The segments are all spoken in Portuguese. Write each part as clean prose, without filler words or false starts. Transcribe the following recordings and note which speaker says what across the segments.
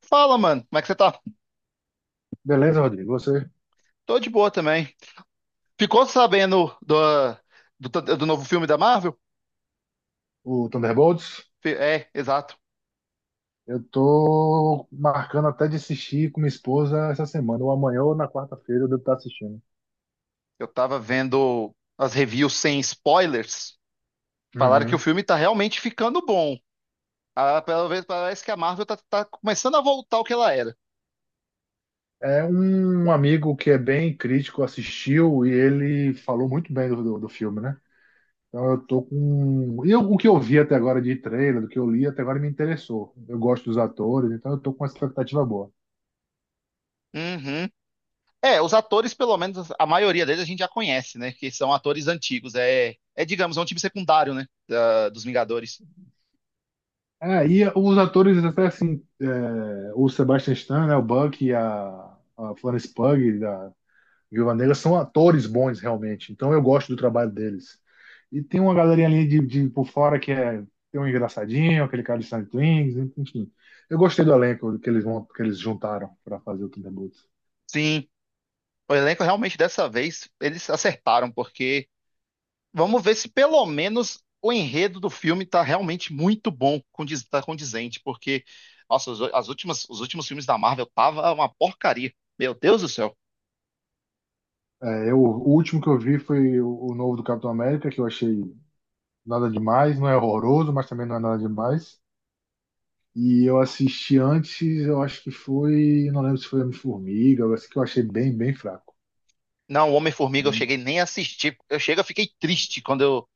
Speaker 1: Fala, mano, como é que você tá?
Speaker 2: Beleza, Rodrigo? Você,
Speaker 1: Tô de boa também. Ficou sabendo do, do novo filme da Marvel?
Speaker 2: o Thunderbolts?
Speaker 1: É, exato.
Speaker 2: Eu tô marcando até de assistir com minha esposa essa semana, ou amanhã ou na quarta-feira eu devo estar assistindo.
Speaker 1: Eu tava vendo as reviews sem spoilers. Falaram que o
Speaker 2: Uhum.
Speaker 1: filme tá realmente ficando bom. Ah, pelo menos parece que a Marvel tá começando a voltar ao que ela era.
Speaker 2: É um amigo que é bem crítico, assistiu e ele falou muito bem do filme, né? Então eu tô com. O que eu vi até agora de trailer, do que eu li até agora me interessou. Eu gosto dos atores, então eu tô com uma expectativa boa.
Speaker 1: Uhum. É, os atores, pelo menos a maioria deles a gente já conhece, né? Que são atores antigos. É digamos, é um time secundário, né? Dos Vingadores.
Speaker 2: É, e os atores, até assim, é, o Sebastian Stan, né, o Buck e a Florence Pugh, da, Viúva Negra são atores bons, realmente. Então eu gosto do trabalho deles. E tem uma galerinha ali de por fora que é tem um engraçadinho, aquele cara de Silent Wings, enfim. Eu gostei do elenco que que eles juntaram para fazer o Thunderbolts.
Speaker 1: Sim, o elenco realmente dessa vez eles acertaram, porque. Vamos ver se pelo menos o enredo do filme tá realmente muito bom, condiz, tá condizente, porque, nossa, os últimos filmes da Marvel tava uma porcaria. Meu Deus do céu.
Speaker 2: É, eu, o último que eu vi foi o novo do Capitão América, que eu achei nada demais, não é horroroso, mas também não é nada demais. E eu assisti antes, eu acho que foi, não lembro se foi Homem-Formiga, eu acho que eu achei bem fraco.
Speaker 1: Não, o Homem-Formiga eu
Speaker 2: Bem,
Speaker 1: cheguei nem a assistir. Eu fiquei triste quando eu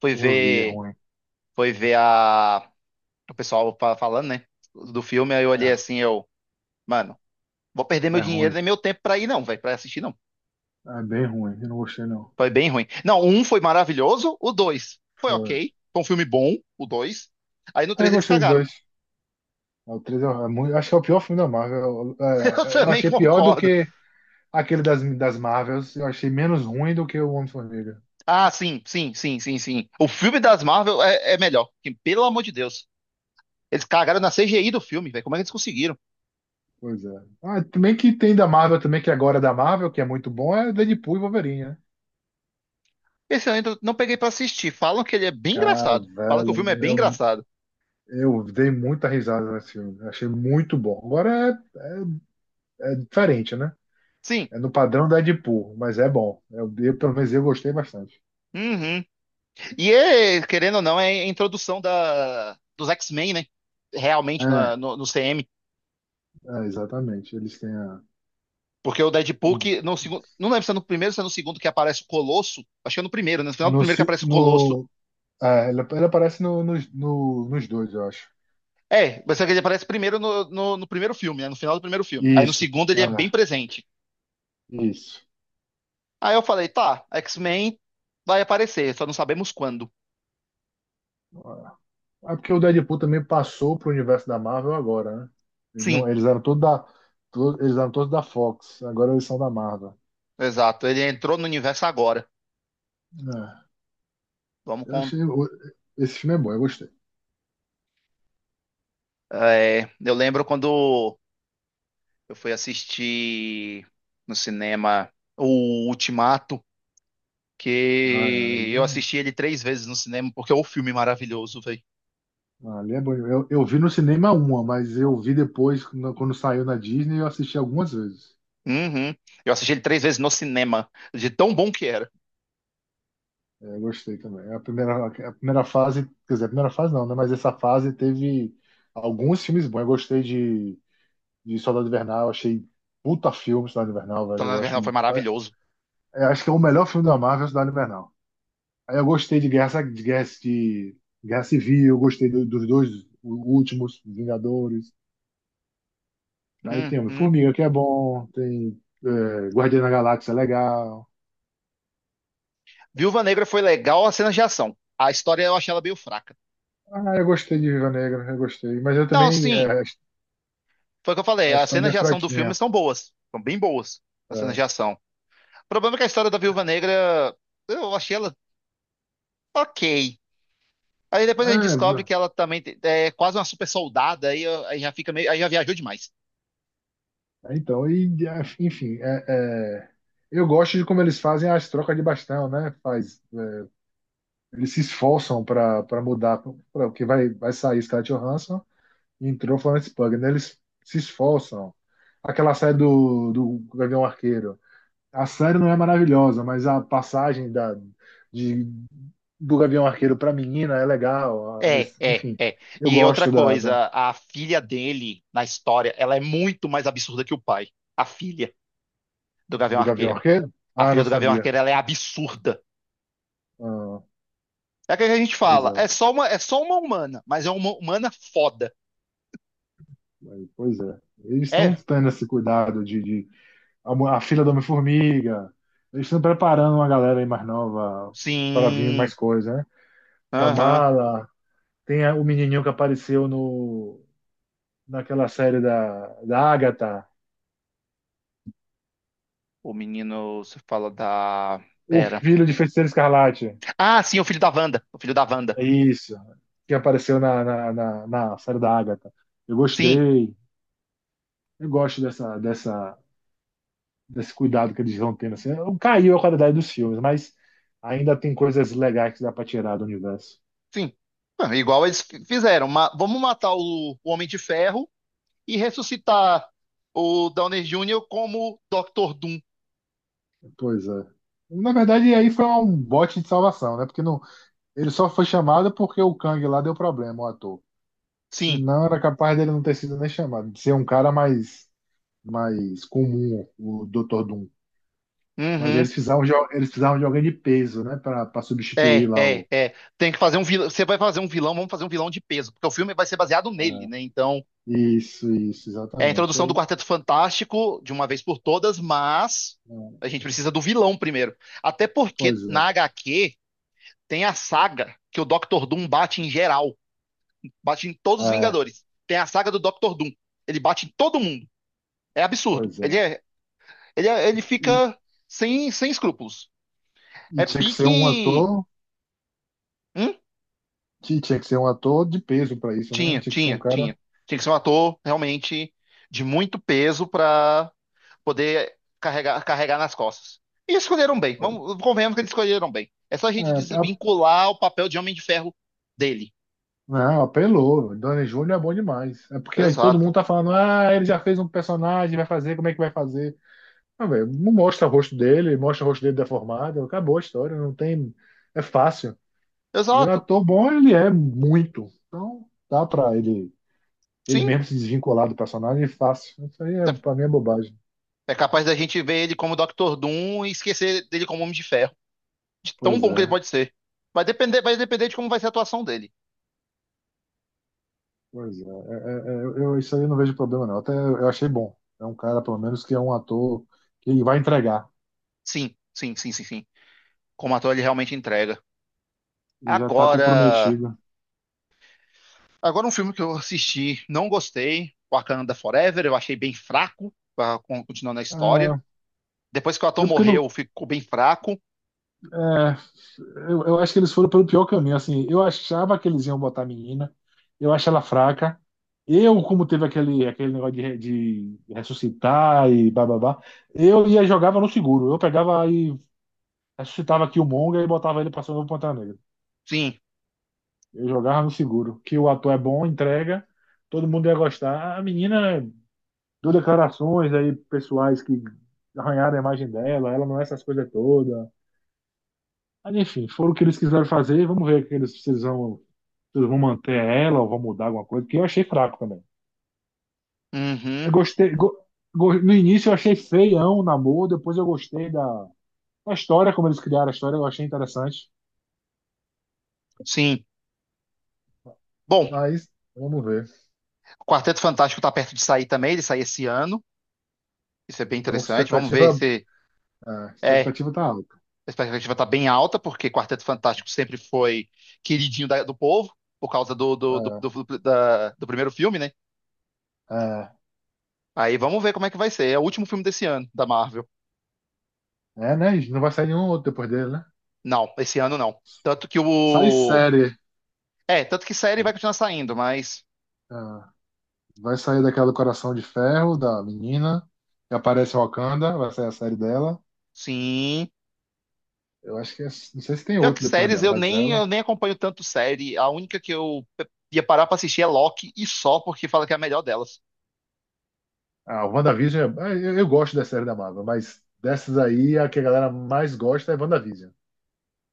Speaker 1: fui
Speaker 2: eu vi, é
Speaker 1: ver,
Speaker 2: ruim.
Speaker 1: fui ver o pessoal falando, né, do filme, aí eu olhei
Speaker 2: É,
Speaker 1: assim, eu, mano, vou perder meu
Speaker 2: é
Speaker 1: dinheiro
Speaker 2: ruim.
Speaker 1: nem meu tempo pra ir não, velho, pra assistir não.
Speaker 2: É bem ruim, eu não gostei não.
Speaker 1: Foi bem ruim. Não, o um foi maravilhoso, o dois foi
Speaker 2: Foi.
Speaker 1: ok, foi um filme bom, o dois. Aí no
Speaker 2: É, eu
Speaker 1: três eles
Speaker 2: gostei dos
Speaker 1: cagaram.
Speaker 2: dois. É, o 3 é, é muito, acho que é o pior filme da Marvel.
Speaker 1: Eu
Speaker 2: É, eu
Speaker 1: também
Speaker 2: achei pior do
Speaker 1: concordo.
Speaker 2: que aquele das Marvels. Eu achei menos ruim do que o Homem-Formiga.
Speaker 1: Ah, sim, sim, sim, sim, sim. O filme das Marvel é melhor que, pelo amor de Deus. Eles cagaram na CGI do filme, velho. Como é que eles conseguiram?
Speaker 2: Pois é. Ah, também que tem da Marvel também, que agora é da Marvel, que é muito bom, é Deadpool e Wolverine, né?
Speaker 1: Esse eu ainda não peguei pra assistir. Falam que ele é bem
Speaker 2: Cara,
Speaker 1: engraçado. Falam que o filme é
Speaker 2: velho,
Speaker 1: bem engraçado.
Speaker 2: eu dei muita risada nesse filme. Eu achei muito bom. Agora é, é diferente, né?
Speaker 1: Sim.
Speaker 2: É no padrão da Deadpool, mas é bom. Eu, pelo menos eu gostei bastante.
Speaker 1: Uhum. E é, querendo ou não, é a introdução dos X-Men, né? Realmente
Speaker 2: É,
Speaker 1: no CM.
Speaker 2: exatamente. Eles têm a,
Speaker 1: Porque o Deadpool, que no segundo, não lembro se é no primeiro ou se é no segundo que aparece o Colosso. Acho que é no primeiro, né? No final do
Speaker 2: No,
Speaker 1: primeiro que
Speaker 2: ci-
Speaker 1: aparece o Colosso.
Speaker 2: no, é, ele aparece no, nos dois, eu acho.
Speaker 1: É, você que ele aparece primeiro no primeiro filme, né? No final do primeiro filme. Aí no
Speaker 2: Isso.
Speaker 1: segundo ele é bem
Speaker 2: Ah,
Speaker 1: presente.
Speaker 2: isso.
Speaker 1: Aí eu falei, tá, X-Men vai aparecer, só não sabemos quando.
Speaker 2: Ah, é porque o Deadpool também passou pro universo da Marvel agora, né? Eles,
Speaker 1: Sim,
Speaker 2: não, eles eram todos da, eles eram todos da Fox, agora eles são da Marvel.
Speaker 1: exato. Ele entrou no universo agora.
Speaker 2: É,
Speaker 1: Vamos
Speaker 2: eu
Speaker 1: com.
Speaker 2: achei, esse filme é bom, eu gostei.
Speaker 1: É, eu lembro quando eu fui assistir no cinema o Ultimato,
Speaker 2: Ah,
Speaker 1: que
Speaker 2: ali,
Speaker 1: eu assisti ele três vezes no cinema, porque é um filme maravilhoso, velho.
Speaker 2: ali é bom. Eu vi no cinema uma, mas eu vi depois, quando saiu na Disney, eu assisti algumas vezes.
Speaker 1: Uhum. Eu assisti ele três vezes no cinema, de tão bom que era.
Speaker 2: É, eu gostei também. A primeira fase, quer dizer, a primeira fase não, né? Mas essa fase teve alguns filmes bons. Eu gostei de Soldado Invernal, achei puta filme Soldado Invernal,
Speaker 1: Então,
Speaker 2: velho.
Speaker 1: na verdade, foi maravilhoso.
Speaker 2: Eu acho que é o melhor filme da Marvel, Soldado Invernal. Aí eu gostei de Guerra, de Guerra, de Guerra Civil, eu gostei dos dois últimos, Vingadores. Aí tem
Speaker 1: Uhum.
Speaker 2: Homem-Formiga, que é bom, tem é, Guardiã da Galáxia, é legal.
Speaker 1: Viúva Negra foi legal as cenas de ação. A história eu achei ela meio fraca.
Speaker 2: Ah, eu gostei de Viva Negra, eu gostei. Mas eu
Speaker 1: Não,
Speaker 2: também,
Speaker 1: sim,
Speaker 2: é,
Speaker 1: foi o que eu falei.
Speaker 2: a
Speaker 1: As cenas
Speaker 2: história é
Speaker 1: de ação do filme
Speaker 2: fraquinha.
Speaker 1: são boas. São bem boas as cenas de
Speaker 2: É.
Speaker 1: ação. O problema é que a história da Viúva Negra, eu achei ela ok. Aí depois a gente
Speaker 2: É,
Speaker 1: descobre
Speaker 2: bro.
Speaker 1: que ela também é quase uma super soldada, aí, aí já fica meio, aí já viajou demais.
Speaker 2: Então, e, é, enfim, é, é, eu gosto de como eles fazem as trocas de bastão, né? Faz, é, eles se esforçam para mudar, pra, porque vai, vai sair Scarlett Johansson e entrou Florence Pugh, né? Eles se esforçam. Aquela série do Gavião Arqueiro. A série não é maravilhosa, mas a passagem da, de, do Gavião Arqueiro para menina é legal.
Speaker 1: É, é,
Speaker 2: Enfim,
Speaker 1: é.
Speaker 2: eu
Speaker 1: E outra
Speaker 2: gosto da
Speaker 1: coisa, a filha dele na história, ela é muito mais absurda que o pai. A filha do Gavião
Speaker 2: do Gavião
Speaker 1: Arqueiro.
Speaker 2: Arqueiro.
Speaker 1: A
Speaker 2: Ah, não
Speaker 1: filha do Gavião
Speaker 2: sabia.
Speaker 1: Arqueiro, ela é absurda.
Speaker 2: Ah,
Speaker 1: É o que a gente
Speaker 2: pois
Speaker 1: fala.
Speaker 2: é.
Speaker 1: É só uma humana, mas é uma humana foda.
Speaker 2: Pois é. Eles estão
Speaker 1: É?
Speaker 2: tendo esse cuidado a, a filha do Homem-Formiga. Eles estão preparando uma galera aí mais nova para vir mais
Speaker 1: Sim.
Speaker 2: coisa, né?
Speaker 1: Aham.
Speaker 2: Kamala, tem o menininho que apareceu no, naquela série da Agatha,
Speaker 1: O menino, você fala da.
Speaker 2: o
Speaker 1: Pera.
Speaker 2: filho de Feiticeiro Escarlate.
Speaker 1: Ah, sim, o filho da Wanda. O filho da Wanda.
Speaker 2: É isso, que apareceu na série da Agatha. Eu
Speaker 1: Sim,
Speaker 2: gostei, eu gosto dessa desse cuidado que eles vão tendo. Assim, caiu a qualidade dos filmes, mas ainda tem coisas legais que dá pra tirar do universo.
Speaker 1: sim. Ah, igual eles fizeram. Vamos matar o Homem de Ferro e ressuscitar o Downey Júnior como Dr. Doom.
Speaker 2: Pois é. Na verdade, aí foi um bote de salvação, né? Porque não, ele só foi chamado porque o Kang lá deu problema, o ator. Se
Speaker 1: Sim.
Speaker 2: não, era capaz dele não ter sido nem chamado, de ser um cara mais, mais comum, o Dr. Doom. Mas
Speaker 1: Uhum.
Speaker 2: eles precisavam de alguém de peso, né? Pra, pra substituir
Speaker 1: É,
Speaker 2: lá
Speaker 1: é,
Speaker 2: o.
Speaker 1: é. Tem que fazer um vilão. Você vai fazer um vilão, vamos fazer um vilão de peso, porque o filme vai ser baseado nele,
Speaker 2: É,
Speaker 1: né? Então.
Speaker 2: isso,
Speaker 1: É a
Speaker 2: exatamente.
Speaker 1: introdução do
Speaker 2: Aí,
Speaker 1: Quarteto Fantástico, de uma vez por todas, mas
Speaker 2: é,
Speaker 1: a gente precisa do vilão primeiro. Até porque
Speaker 2: pois é.
Speaker 1: na HQ tem a saga que o Dr. Doom bate em geral, bate em todos os
Speaker 2: É,
Speaker 1: Vingadores. Tem a saga do Dr. Doom. Ele bate em todo mundo. É absurdo.
Speaker 2: pois
Speaker 1: Ele
Speaker 2: é.
Speaker 1: é, ele é- ele fica sem escrúpulos.
Speaker 2: E
Speaker 1: É
Speaker 2: tinha que ser um
Speaker 1: pique.
Speaker 2: ator,
Speaker 1: Hum?
Speaker 2: que tinha que ser um ator de peso pra isso, né?
Speaker 1: Tinha,
Speaker 2: Tinha que ser um
Speaker 1: tinha,
Speaker 2: cara.
Speaker 1: tinha. Tinha que ser um ator realmente de muito peso pra poder carregar, carregar nas costas. E escolheram bem. Vamos, convenhamos que eles escolheram bem. É só a
Speaker 2: É,
Speaker 1: gente
Speaker 2: a-
Speaker 1: desvincular o papel de Homem de Ferro dele.
Speaker 2: não, apelou. Downey Júnior é bom demais. É porque aí todo
Speaker 1: Exato.
Speaker 2: mundo tá falando, ah, ele já fez um personagem, vai fazer, como é que vai fazer? Ah, velho, não mostra o rosto dele, mostra o rosto dele deformado, acabou a história, não tem. É fácil. E o
Speaker 1: Exato.
Speaker 2: ator bom, ele é muito. Então, dá pra ele, ele
Speaker 1: Sim.
Speaker 2: mesmo se desvincular do personagem, é fácil. Isso aí, é,
Speaker 1: É
Speaker 2: pra mim, é bobagem.
Speaker 1: é capaz da gente ver ele como Dr. Doom e esquecer dele como Homem de Ferro. De tão
Speaker 2: Pois
Speaker 1: bom que ele
Speaker 2: é.
Speaker 1: pode ser. Vai depender de como vai ser a atuação dele.
Speaker 2: Pois é, é, é, é, eu, isso aí eu não vejo problema não. Até eu achei bom. É um cara, pelo menos, que é um ator que vai entregar
Speaker 1: Sim, sim, sim, sim, sim. Como ator ele realmente entrega.
Speaker 2: e já tá
Speaker 1: Agora,
Speaker 2: comprometido.
Speaker 1: agora um filme que eu assisti, não gostei, Wakanda Forever, eu achei bem fraco, continuando a história.
Speaker 2: Ah,
Speaker 1: Depois que o ator
Speaker 2: eu, porque
Speaker 1: morreu,
Speaker 2: não,
Speaker 1: ficou bem fraco.
Speaker 2: eu acho que eles foram pelo pior caminho. Assim, eu achava que eles iam botar a menina, eu acho ela fraca. Eu, como teve aquele, aquele negócio de, de ressuscitar e bababá, eu ia e jogava no seguro. Eu pegava e ressuscitava Killmonger e botava ele pra ser o novo Pantera Negra.
Speaker 1: Sim.
Speaker 2: Eu jogava no seguro. Que o ator é bom, entrega, todo mundo ia gostar. A menina deu declarações aí pessoais que arranharam a imagem dela, ela não é essas coisas todas. Mas enfim, foram o que eles quiseram fazer, vamos ver o que eles precisam. Se eles vão manter ela ou vão mudar alguma coisa, porque eu achei fraco também.
Speaker 1: Uhum.
Speaker 2: Eu gostei. No início eu achei feião o namoro, depois eu gostei da, da história, como eles criaram a história, eu achei interessante.
Speaker 1: Sim. Bom,
Speaker 2: Mas vamos ver.
Speaker 1: o Quarteto Fantástico tá perto de sair também, ele sai esse ano. Isso é bem
Speaker 2: Então,
Speaker 1: interessante. Vamos ver
Speaker 2: expectativa.
Speaker 1: se
Speaker 2: A
Speaker 1: é,
Speaker 2: expectativa tá alta.
Speaker 1: a expectativa tá bem alta, porque Quarteto Fantástico sempre foi queridinho do povo, por causa do primeiro filme, né?
Speaker 2: É, é.
Speaker 1: Aí vamos ver como é que vai ser. É o último filme desse ano, da Marvel.
Speaker 2: É, né? Não vai sair nenhum outro depois dele, né?
Speaker 1: Não, esse ano não. Tanto que
Speaker 2: Sai
Speaker 1: o.
Speaker 2: série.
Speaker 1: É, tanto que série vai continuar saindo, mas.
Speaker 2: Ah, vai sair daquela do Coração de Ferro, da menina, que aparece Wakanda, vai sair a série dela.
Speaker 1: Sim.
Speaker 2: Eu acho que é, não sei se tem
Speaker 1: Pior que
Speaker 2: outro depois
Speaker 1: séries,
Speaker 2: dela,
Speaker 1: eu
Speaker 2: mas
Speaker 1: nem,
Speaker 2: ela.
Speaker 1: eu nem acompanho tanto série. A única que eu ia parar pra assistir é Loki e só porque fala que é a melhor delas.
Speaker 2: Ah, o WandaVision, é, é, eu gosto da série da Marvel, mas dessas aí, a que a galera mais gosta é WandaVision.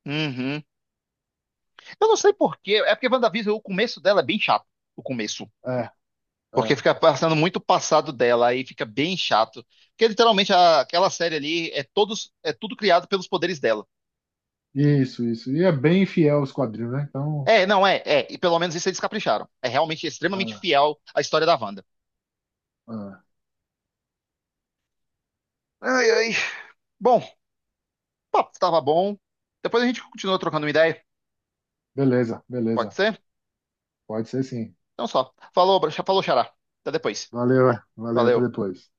Speaker 1: Uhum. Eu não sei por quê. É porque WandaVision, o começo dela é bem chato. O começo.
Speaker 2: É,
Speaker 1: Porque
Speaker 2: é.
Speaker 1: fica passando muito passado dela, aí fica bem chato. Porque literalmente aquela série ali é tudo criado pelos poderes dela.
Speaker 2: Isso, isso. E é bem fiel aos quadrinhos, né? Então,
Speaker 1: É, não é, é. E pelo menos isso eles capricharam. É realmente extremamente
Speaker 2: ah,
Speaker 1: fiel à história da Wanda.
Speaker 2: ah,
Speaker 1: Ai, ai. Bom, o papo tava bom. Depois a gente continua trocando uma ideia.
Speaker 2: beleza,
Speaker 1: Pode
Speaker 2: beleza.
Speaker 1: ser?
Speaker 2: Pode ser sim.
Speaker 1: Então só. Falou, falou, xará. Até depois.
Speaker 2: Valeu, é. Valeu, até
Speaker 1: Valeu.
Speaker 2: depois.